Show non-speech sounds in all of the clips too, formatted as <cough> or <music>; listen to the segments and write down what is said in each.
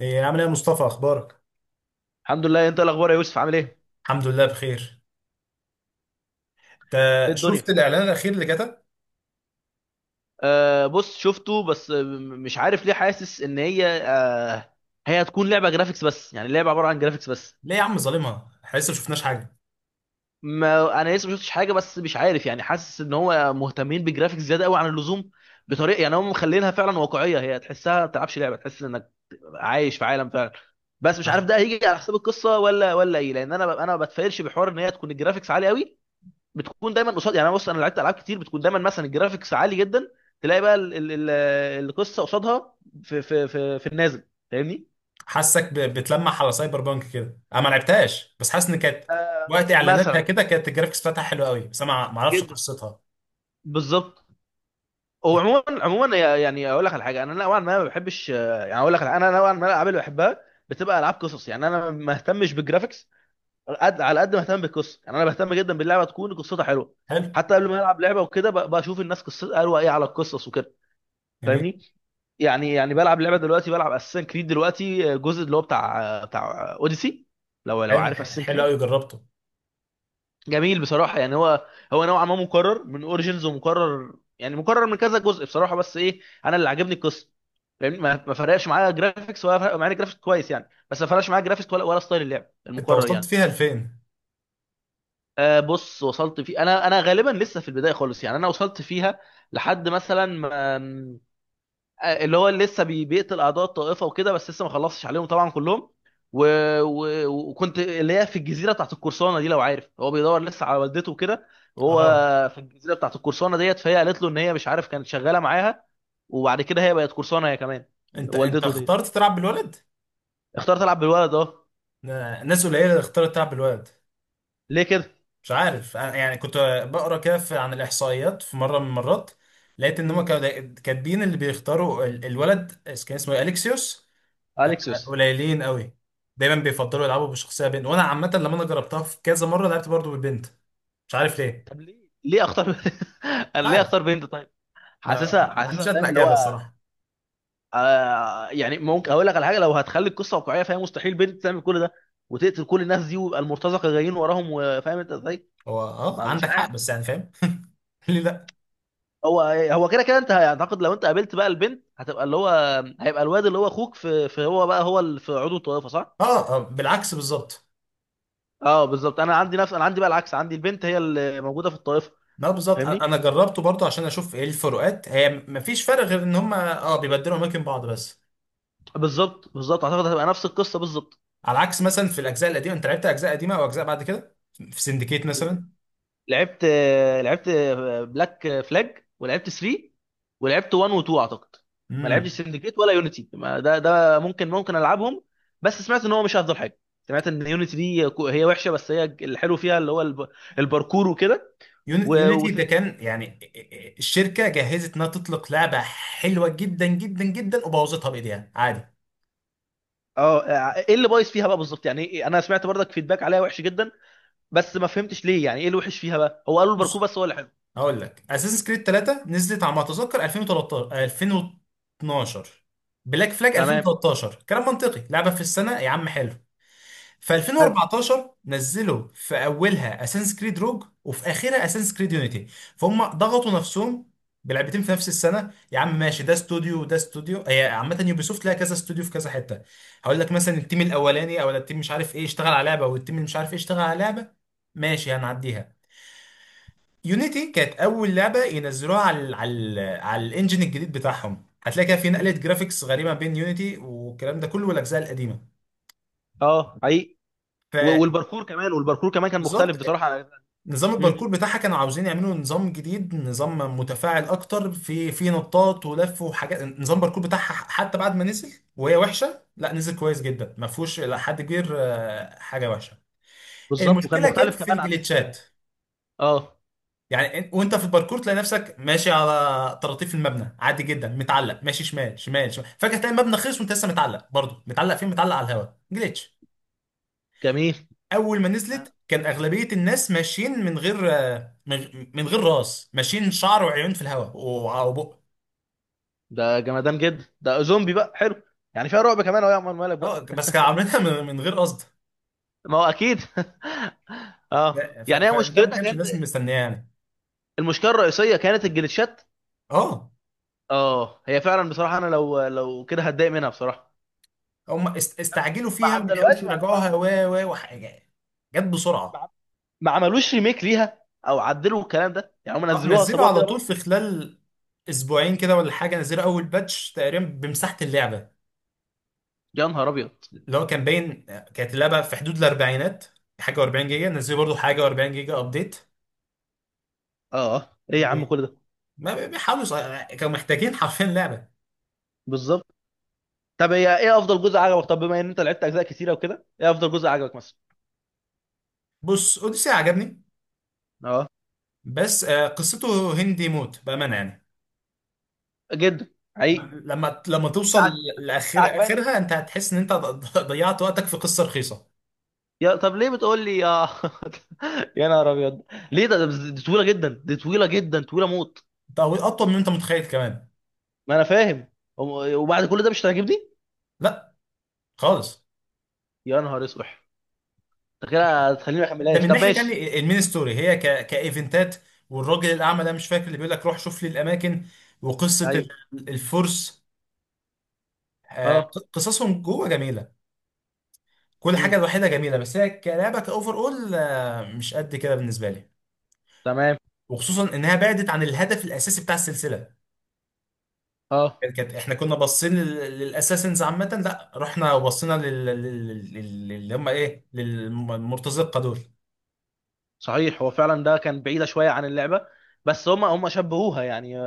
ايه، عامل ايه يا مصطفى؟ اخبارك؟ الحمد لله. انت إيه الاخبار يا يوسف؟ عامل ايه؟ الحمد لله بخير. انت؟ ايه الدنيا؟ شفت الاعلان الاخير اللي جت؟ آه بص شفته، بس مش عارف ليه حاسس ان هي هي هتكون لعبه جرافيكس بس، يعني لعبه عباره عن جرافيكس بس. ليه يا عم ظالمها، احنا لسه ما شفناش حاجه. ما انا لسه ما شفتش حاجه، بس مش عارف يعني، حاسس ان هو مهتمين بالجرافيكس زياده قوي عن اللزوم. بطريقه يعني هم مخلينها فعلا واقعيه، هي تحسها ما بتلعبش لعبه، تحس انك عايش في عالم فعلا. بس مش عارف ما- ده هيجي على حساب القصه ولا ايه، لان انا ما بتفائلش بحوار ان هي تكون الجرافيكس عالي قوي. بتكون دايما قصاد، يعني انا بص، انا لعبت العاب كتير بتكون دايما مثلا الجرافيكس عالي جدا، تلاقي بقى القصه قصادها في النازل. فاهمني؟ حاسك بتلمح على سايبر بانك كده، انا ما لعبتهاش بس حاسس ان كانت آه وقت اعلاناتها مثلا. كده كانت الجرافيكس بتاعتها حلوه قوي، بس انا ما اعرفش جدا. قصتها. بالظبط. هو عموما، عموما يعني اقول لك على حاجه، انا نوعا ما ما بحبش يعني اقول لك على- انا نوعا ما الالعاب اللي بحبها بتبقى العاب قصص. يعني انا ما اهتمش بالجرافيكس قد على قد ما اهتم بالقصه، يعني انا بهتم جدا باللعبه تكون قصتها حلوه. حلو. حتى قبل ما العب لعبه وكده بشوف الناس قصتها، قالوا ايه على القصص وكده. جميل. فاهمني؟ يعني يعني بلعب لعبه دلوقتي، بلعب اساسن كريد دلوقتي، الجزء اللي هو بتاع اوديسي. لو حلو عارف اساسن حلو كريد. قوي، جربته؟ جميل، بصراحه يعني هو، هو نوعا ما مكرر من اوريجينز، ومكرر يعني مكرر من كذا جزء بصراحه، بس ايه، انا اللي عاجبني القصه. فاهمني؟ ما فرقش معايا جرافيكس، ولا فرق معايا جرافيكس كويس يعني، بس ما فرقش معايا جرافيكس ولا ستايل اللعب انت المكرر وصلت يعني. فيها لفين؟ آه بص، وصلت في، انا غالبا لسه في البدايه خالص. يعني انا وصلت فيها لحد مثلا ما اللي هو اللي بيقتل اعداء الطائفه وكده، بس لسه ما خلصش عليهم طبعا كلهم. و... و... وكنت اللي هي في الجزيره بتاعت القرصانه دي، لو عارف، هو بيدور لسه على والدته وكده. وهو اه. في الجزيره بتاعت القرصانه ديت، فهي قالت له ان هي مش عارف، كانت شغاله معاها، وبعد كده هي بقت قرصانه هي كمان، انت والدته دي. اخترت تلعب بالولد؟ اختار تلعب بالولد، اه. ناس قليله اللي اختارت تلعب بالولد. ليه كده؟ مش عارف يعني كنت بقرا كده عن الاحصائيات في مره من المرات، لقيت ان مم. هم كانوا كاتبين اللي بيختاروا الولد، كان اسمه إيه؟ اليكسيوس. اليكسيوس. قليلين قوي. دايما بيفضلوا يلعبوا بشخصيه بنت، وانا عامه لما انا جربتها في كذا مره لعبت برضو بالبنت. مش عارف ليه. طب ليه؟ ليه اختار؟ <laughs> انا مش ليه عارف. اختار بنت طيب؟ ما, <laughs> حاسسها، ما حاسسها عنديش ادنى فاهم اللي اجابه هو. الصراحه. آه يعني ممكن اقول لك على حاجه، لو هتخلي القصه واقعيه، فهي مستحيل بنت تعمل كل ده وتقتل كل الناس دي ويبقى المرتزقه جايين وراهم، وفاهم انت ازاي؟ هو اه ما مش عندك عارف. حق، بس يعني فاهم. <laughs> ليه لا؟ هو هو كده كده. انت اعتقد لو انت قابلت بقى البنت، هتبقى اللي هو هيبقى الواد اللي هو اخوك في هو بقى، هو اللي في عضو الطائفه، صح؟ اه، آه، بالعكس بالظبط. اه بالظبط، انا عندي بقى العكس، عندي البنت هي اللي موجوده في الطائفه. لا بالظبط، انا فاهمني؟ أنا جربته برضو عشان اشوف ايه الفروقات، هي مفيش فرق غير ان هم اه بيبدلوا اماكن بعض بس. بالظبط بالظبط، اعتقد هتبقى نفس القصه بالظبط. على عكس مثلا في الاجزاء القديمه. انت لعبت اجزاء قديمه او اجزاء بعد كده؟ في سندكيت مثلا؟ لعبت، لعبت بلاك فلاج، ولعبت 3، ولعبت 1 و2 اعتقد. ما لعبتش امم. سندكيت ولا يونيتي، ما ده ممكن، ممكن العبهم، بس سمعت ان هو مش افضل حاجه. سمعت ان يونيتي دي هي وحشه، بس هي الحلو فيها اللي هو الباركور وكده، و- يونيتي ده وسندكيت. كان يعني الشركه جهزت انها تطلق لعبه حلوه جدا جدا جدا، وبوظتها بايديها عادي. اه آه، ايه اللي بايظ فيها بقى بالظبط، يعني إيه؟ انا سمعت برضك فيدباك عليها وحش جدا، بس ما فهمتش ليه يعني، ايه اللي وحش فيها بقى؟ هو قالوا الباركور بص، بس هو اللي حلو. هقول لك، اساسن كريد 3 نزلت على ما اتذكر 2013، 2012. بلاك فلاج تمام. 2013، كلام منطقي، لعبه في السنه يا عم، حلو. في حلو. 2014 نزلوا في اولها اساسنس كريد روج وفي اخرها اساسنس كريد يونيتي، فهم ضغطوا نفسهم. بلعبتين في نفس السنه يا عم؟ ماشي، ده استوديو وده استوديو، هي عامه يوبيسوفت لها كذا استوديو في كذا حته. هقول لك مثلا التيم الاولاني او التيم مش عارف ايه اشتغل على لعبه، والتيم اللي مش عارف ايه اشتغل على لعبه، ماشي، هنعديها. يونيتي كانت اول لعبه ينزلوها على ال على ال على الانجن الجديد بتاعهم، هتلاقي كده في نقله م. جرافيكس غريبه بين يونيتي والكلام ده كله والاجزاء القديمه. اه حقيقي. ف و- والباركور كمان، والباركور كمان كان مختلف بالظبط، بصراحه عن، نظام مم. الباركور بتاعها كانوا عاوزين يعملوا نظام جديد، نظام متفاعل اكتر في نطاط ولف وحاجات. نظام الباركور بتاعها حتى بعد ما نزل وهي وحشه، لا نزل كويس جدا، ما فيهوش الى حد كبير حاجه وحشه. بالظبط، وكان المشكله كانت مختلف في كمان عن. الجليتشات. اه. يعني وانت في الباركور تلاقي نفسك ماشي على طراطيف المبنى عادي جدا، متعلق ماشي شمال شمال شمال، فجاه تلاقي المبنى خلص وانت لسه متعلق، برضه متعلق فين؟ متعلق على الهواء. جليتش. جميل. اول ما آه، نزلت كان اغلبيه الناس ماشيين من غير راس، ماشيين شعر وعيون في الهواء وبق. ده جمدان جدا، ده زومبي بقى، حلو. يعني فيها رعب كمان، اهو يا عمر مالك اه بقى. بس كانوا عاملينها من غير قصد. ما هو اكيد <laughs> ف- اه يعني هي فده ما مشكلتها كانش كان، الناس مستنياه يعني. المشكله الرئيسيه كانت الجلitchات. اه، اه هي فعلا بصراحه، انا لو كده هتضايق منها بصراحه. هم استعجلوا ما فيها وما لحقوش عدلوهاش. يراجعوها و و وحاجه، جت بسرعه. ما, ما عملوش ريميك ليها او عدلوا الكلام ده، يعني هم اه، نزلوها نزلوا وسابوها على كده طول بيضة. في خلال اسبوعين كده ولا حاجه، نزلوا اول باتش تقريبا بمساحه اللعبه. يا نهار ابيض. اللي هو كان باين، كانت اللعبه في حدود الاربعينات، حاجه و40 جيجا، نزلوا برضو حاجه و40 جيجا ابديت. اه ايه يا عم كل ده. ما بي- بيحاولوا كانوا محتاجين حرفيا لعبه. بالظبط. طب هي ايه افضل جزء عجبك؟ طب بما ان انت لعبت اجزاء كتيره وكده، ايه افضل جزء عجبك مثلا؟ بص، اوديسي عجبني اه. بس قصته هندي موت بامانه يعني. جدا. حقيقي. لما بس توصل عج- بس لاخر عجباني، اخرها، خلي انت بالك. هتحس ان انت ضيعت وقتك في قصه رخيصه. يا طب ليه بتقول لي يا <laughs> يا نهار ابيض. ليه ده دي طويله جدا، دي طويله جدا، طويله موت. او اطول من انت متخيل كمان. ما انا فاهم. وم- وبعد كل ده مش هتعجبني؟ لا، خالص. يا نهار اسوح. انت كده هتخليني ما ده اكملهاش. من طب ناحيه ماشي. تاني، المين ستوري هي كايفنتات، والراجل الاعمى ده مش فاكر، اللي بيقول لك روح شوف لي الاماكن، وقصه ايوه. الفرس، آه، اه. قصصهم جوه جميله. كل حاجه، مم. الوحيده جميله، بس هي كلعبه كاوفر اول مش قد كده بالنسبه لي. تمام. وخصوصا انها بعدت عن الهدف الاساسي بتاع السلسله. اه. احنا كنا باصين للاساسنز عامه، لا، رحنا وبصينا اللي هم ايه، للمرتزقه دول. صحيح، هو فعلا ده كان بعيده شويه عن اللعبه. بس هم شبهوها يعني،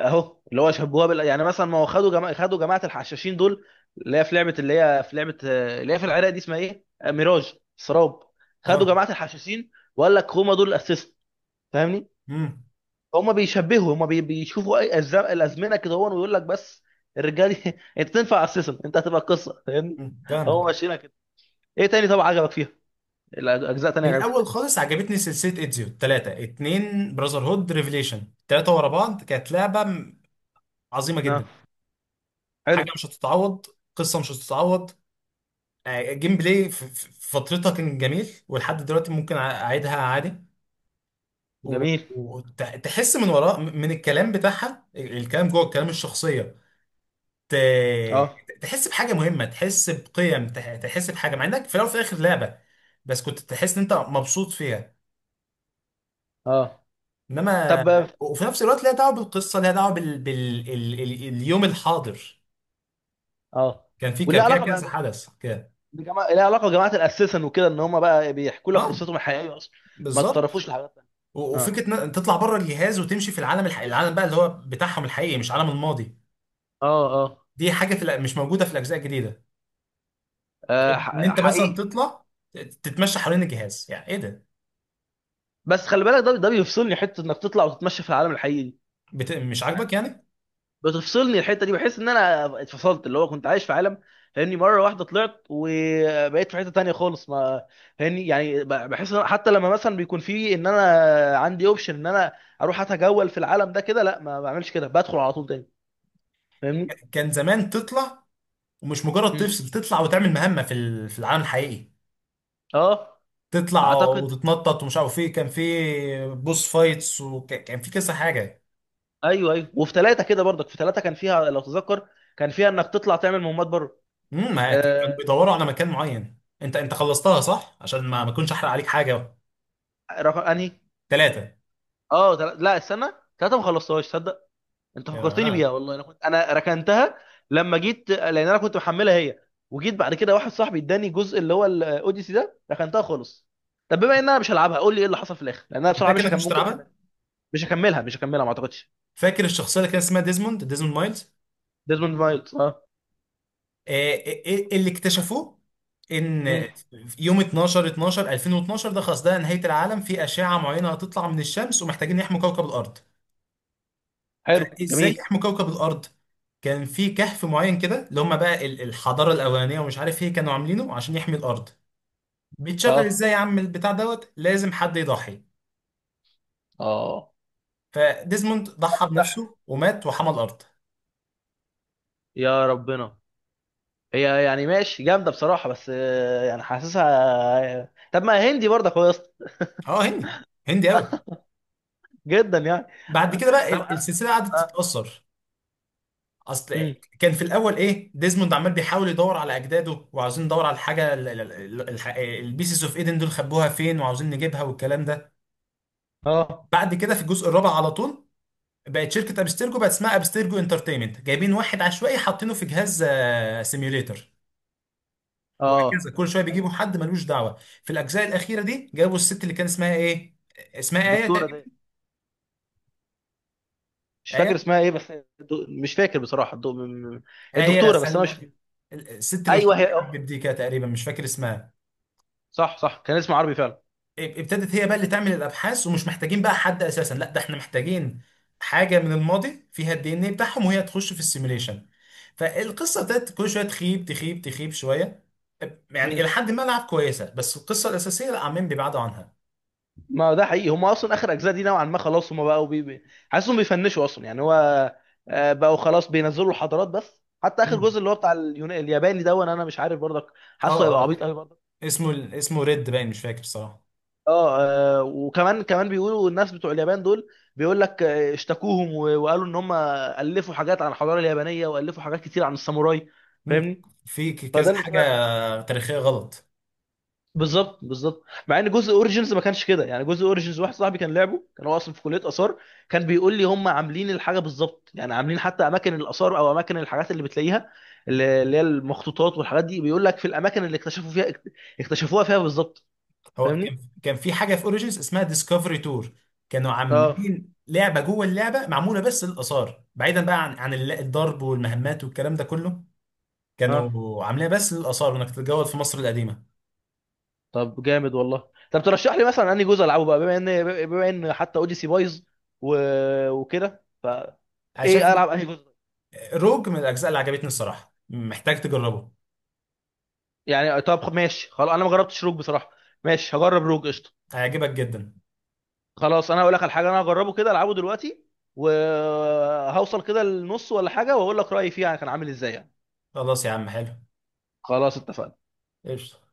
اهو اللي هو شبهوها يعني مثلا ما هو خدوا جماعه الحشاشين دول، اللي هي في لعبه، اللي هي في العراق دي، اسمها ايه؟ آه، ميراج سراب. خدوا اه. جماعه الحشاشين وقال لك هما دول الاسيست. فاهمني؟ امم. هما بيشبهوا، هما بيشوفوا الازمنه كده هو، ويقول لك بس الرجاله دي <laughs> انت تنفع اسيستنت، انت هتبقى قصه. فاهمني؟ أمم، هو فاهمك. ماشيينها كده. ايه تاني طبعا عجبك فيها؟ الاجزاء تانية من الاول عجبتك؟ خالص عجبتني سلسله ايدزيو، ثلاثه، اتنين، براذر هود، ريفليشن، ثلاثه ورا بعض كانت لعبه عظيمه نعم. جدا. حلو. حاجه مش هتتعوض. قصه مش هتتعوض. جيم بلاي في فترتها كان جميل، ولحد دلوقتي ممكن اعيدها عادي. جميل. وتحس من وراء، من الكلام بتاعها، الكلام جوه، الكلام الشخصيه، ت- اه. تحس بحاجه مهمه، تحس بقيم، تحس بحاجه مع انك في الاول وفي الاخر لعبه، بس كنت تحس ان انت مبسوط فيها. اه. انما. طب. وفي نفس الوقت ليها دعوه بالقصه، ليها دعوه اليوم الحاضر. اه. كان في وليه كان فيها علاقه بقى كذا حدث كده. بجماعة، ليها علاقة بجماعة الأساسن وكده، إن هم بقى بيحكوا لك اه، قصتهم الحقيقية أصلا، ما بالظبط. تتطرفوش لحاجات تانية. اه. وفكره ان تطلع بره الجهاز وتمشي في العالم، العالم بقى اللي هو بتاعهم الحقيقي، مش عالم الماضي. اه. اه. دي حاجه مش موجوده في الاجزاء الجديده. آه، ان انت مثلا حقيقي. تطلع تتمشى حوالين الجهاز، يعني ايه ده. بس خلي بالك، ده بيفصلني حتة إنك تطلع وتتمشى في العالم الحقيقي دي، مش عاجبك يعني. يعني. بتفصلني الحتة دي، بحس إن أنا اتفصلت، اللي هو كنت عايش في عالم، فاهمني؟ مرة واحدة طلعت وبقيت في حتة تانية خالص. ما فاهمني؟ يعني بحس إن حتى لما مثلا بيكون في إن أنا عندي أوبشن إن أنا أروح أتجول في العالم ده كده، لا ما بعملش كده، بدخل على طول تاني. فاهمني؟ كان زمان تطلع، ومش مجرد مم. تفصل، تطلع وتعمل مهمة في العالم الحقيقي، اه. تطلع اعتقد. وتتنطط، ومش عارف ايه، كان في بوس فايتس وكان في كذا حاجة. ايوه ايوه، وفي ثلاثه كده برضك، في ثلاثه كان فيها لو تتذكر، كان فيها انك تطلع تعمل مهمات بره. ما كانوا آه. بيدوروا على مكان معين. انت خلصتها صح؟ عشان ما اكونش احرق عليك حاجة. رقم انهي؟ ثلاثة. اه تل...، لا استنى، ثلاثه ما خلصتهاش صدق. انت يا فكرتني بيها آه. والله، انا كنت، انا ركنتها لما جيت، لان انا كنت محملها هي، وجيت بعد كده واحد صاحبي اداني جزء اللي هو الاوديسي ده، ركنتها خالص. طب بما ان انا مش هلعبها، قول لي ايه اللي حصل في الاخر، لان انا بصراحه فاكر مش انك هكمل، مش ممكن اكملها. هتلعبها. مش هكملها، ما اعتقدش. فاكر الشخصية اللي كان اسمها ديزموند مايلز. ديزموند مايلز، اه. آه، آه، اللي اكتشفوه ان مم. يوم 12 12 2012، ده خلاص، ده نهاية العالم، في أشعة معينة هتطلع من الشمس ومحتاجين يحموا كوكب الأرض. حلو. فازاي جميل. يحموا كوكب الأرض؟ كان في كهف معين كده، اللي هم بقى الحضارة الأولانية، ومش عارف ايه كانوا عاملينه عشان يحمي الأرض. بيتشغل اه. ازاي يا عم البتاع دوت؟ لازم حد يضحي. اه. فديزموند ضحى بنفسه ومات وحمى الأرض. يا ربنا. هي يعني ماشي جامده بصراحه، بس آه، يعني حاسسها آه، طب ما هندي برضه كويس. اه، هندي. هندي قوي. جدا يعني. بعد كده بقى طب. اه. السلسلة قعدت اه. تتأثر. اصل مم. كان في الاول ايه، ديزموند عمال بيحاول يدور على اجداده وعاوزين ندور على الحاجه، البيسز اوف ايدن دول خبوها فين وعاوزين نجيبها والكلام ده. اه. بعد كده في الجزء الرابع على طول بقت شركه ابسترجو، بقت اسمها ابسترجو انترتينمنت، جايبين واحد عشوائي حاطينه في جهاز سيميوليتر. وهكذا آه. كل شويه أي-. بيجيبوا حد ملوش دعوه. في الاجزاء الاخيره دي جابوا الست اللي كان اسمها ايه، اسمها ايه الدكتوره دي، تقريبا، مش ايه فاكر اسمها ايه بس. مش فاكر بصراحه. م- ايه الدكتوره، بس انا مش. سلمى، الست اللي وشها ايوه هي. محبب دي كده تقريبا، مش فاكر اسمها. صح صح، كان اسمها عربي فعلا. ابتدت هي بقى اللي تعمل الابحاث، ومش محتاجين بقى حد اساسا، لا ده احنا محتاجين حاجه من الماضي فيها الدي ان ايه بتاعهم وهي تخش في السيميوليشن. فالقصه ابتدت كل شويه تخيب، تخيب، تخيب شويه. يعني مم. الى حد ما لعب كويسه، بس القصه الاساسيه لا، عمالين بيبعدوا عنها. ما هو ده حقيقي، هم اصلا اخر اجزاء دي نوعا ما خلاص، هم بقوا حاسسهم بيفنشوا اصلا، يعني هو آه، بقوا خلاص بينزلوا حضارات بس. حتى اخر مم. جزء اللي هو بتاع اليونان الياباني ده، وانا مش عارف برضك، اه حاسه هيبقى اه عبيط قوي. اسمه ريد باين، مش فاكر بصراحه. اه. آه، وكمان بيقولوا الناس بتوع اليابان دول، بيقول لك آه، اشتكوهم و- وقالوا ان هم الفوا حاجات عن الحضاره اليابانيه، والفوا حاجات كتير عن الساموراي. مم. فاهمني؟ في كذا فده اللي حاجه سمعته يعني. تاريخيه غلط. بالظبط بالظبط، مع ان جزء اوريجينز ما كانش كده. يعني جزء اوريجينز واحد صاحبي كان لعبه، كان هو اصلا في كليه اثار، كان بيقول لي هم عاملين الحاجه بالظبط يعني، عاملين حتى اماكن الاثار او اماكن الحاجات اللي بتلاقيها، اللي هي المخطوطات والحاجات دي، بيقول لك في الاماكن اللي اكتشفوا فيها، اكتشفوها فيها بالظبط. هو فاهمني؟ كان في حاجه في اوريجينز اسمها ديسكفري تور. كانوا اه. عاملين لعبه جوه اللعبه، معموله بس للاثار بعيدا بقى عن الضرب والمهمات والكلام ده كله. اه. كانوا عاملينها بس للاثار، وانك تتجول في مصر القديمه. طب جامد والله. طب ترشح لي مثلا انهي جزء العبه بقى، بما ان، حتى اوديسي بايظ و... وكده، انا شايف فايه، العب انهي جزء؟ روج من الاجزاء اللي عجبتني الصراحه، محتاج تجربه. يعني طب ماشي خلاص، انا ما جربتش روج بصراحه. ماشي، هجرب روج، قشطه. هيعجبك جدا. خلاص، انا هقول لك على حاجه، انا هجربه كده، العبه دلوقتي، وهوصل كده للنص ولا حاجه واقول لك رايي فيه، يعني كان عامل ازاي يعني. خلاص يا عم، حلو. خلاص اتفقنا. قشطه.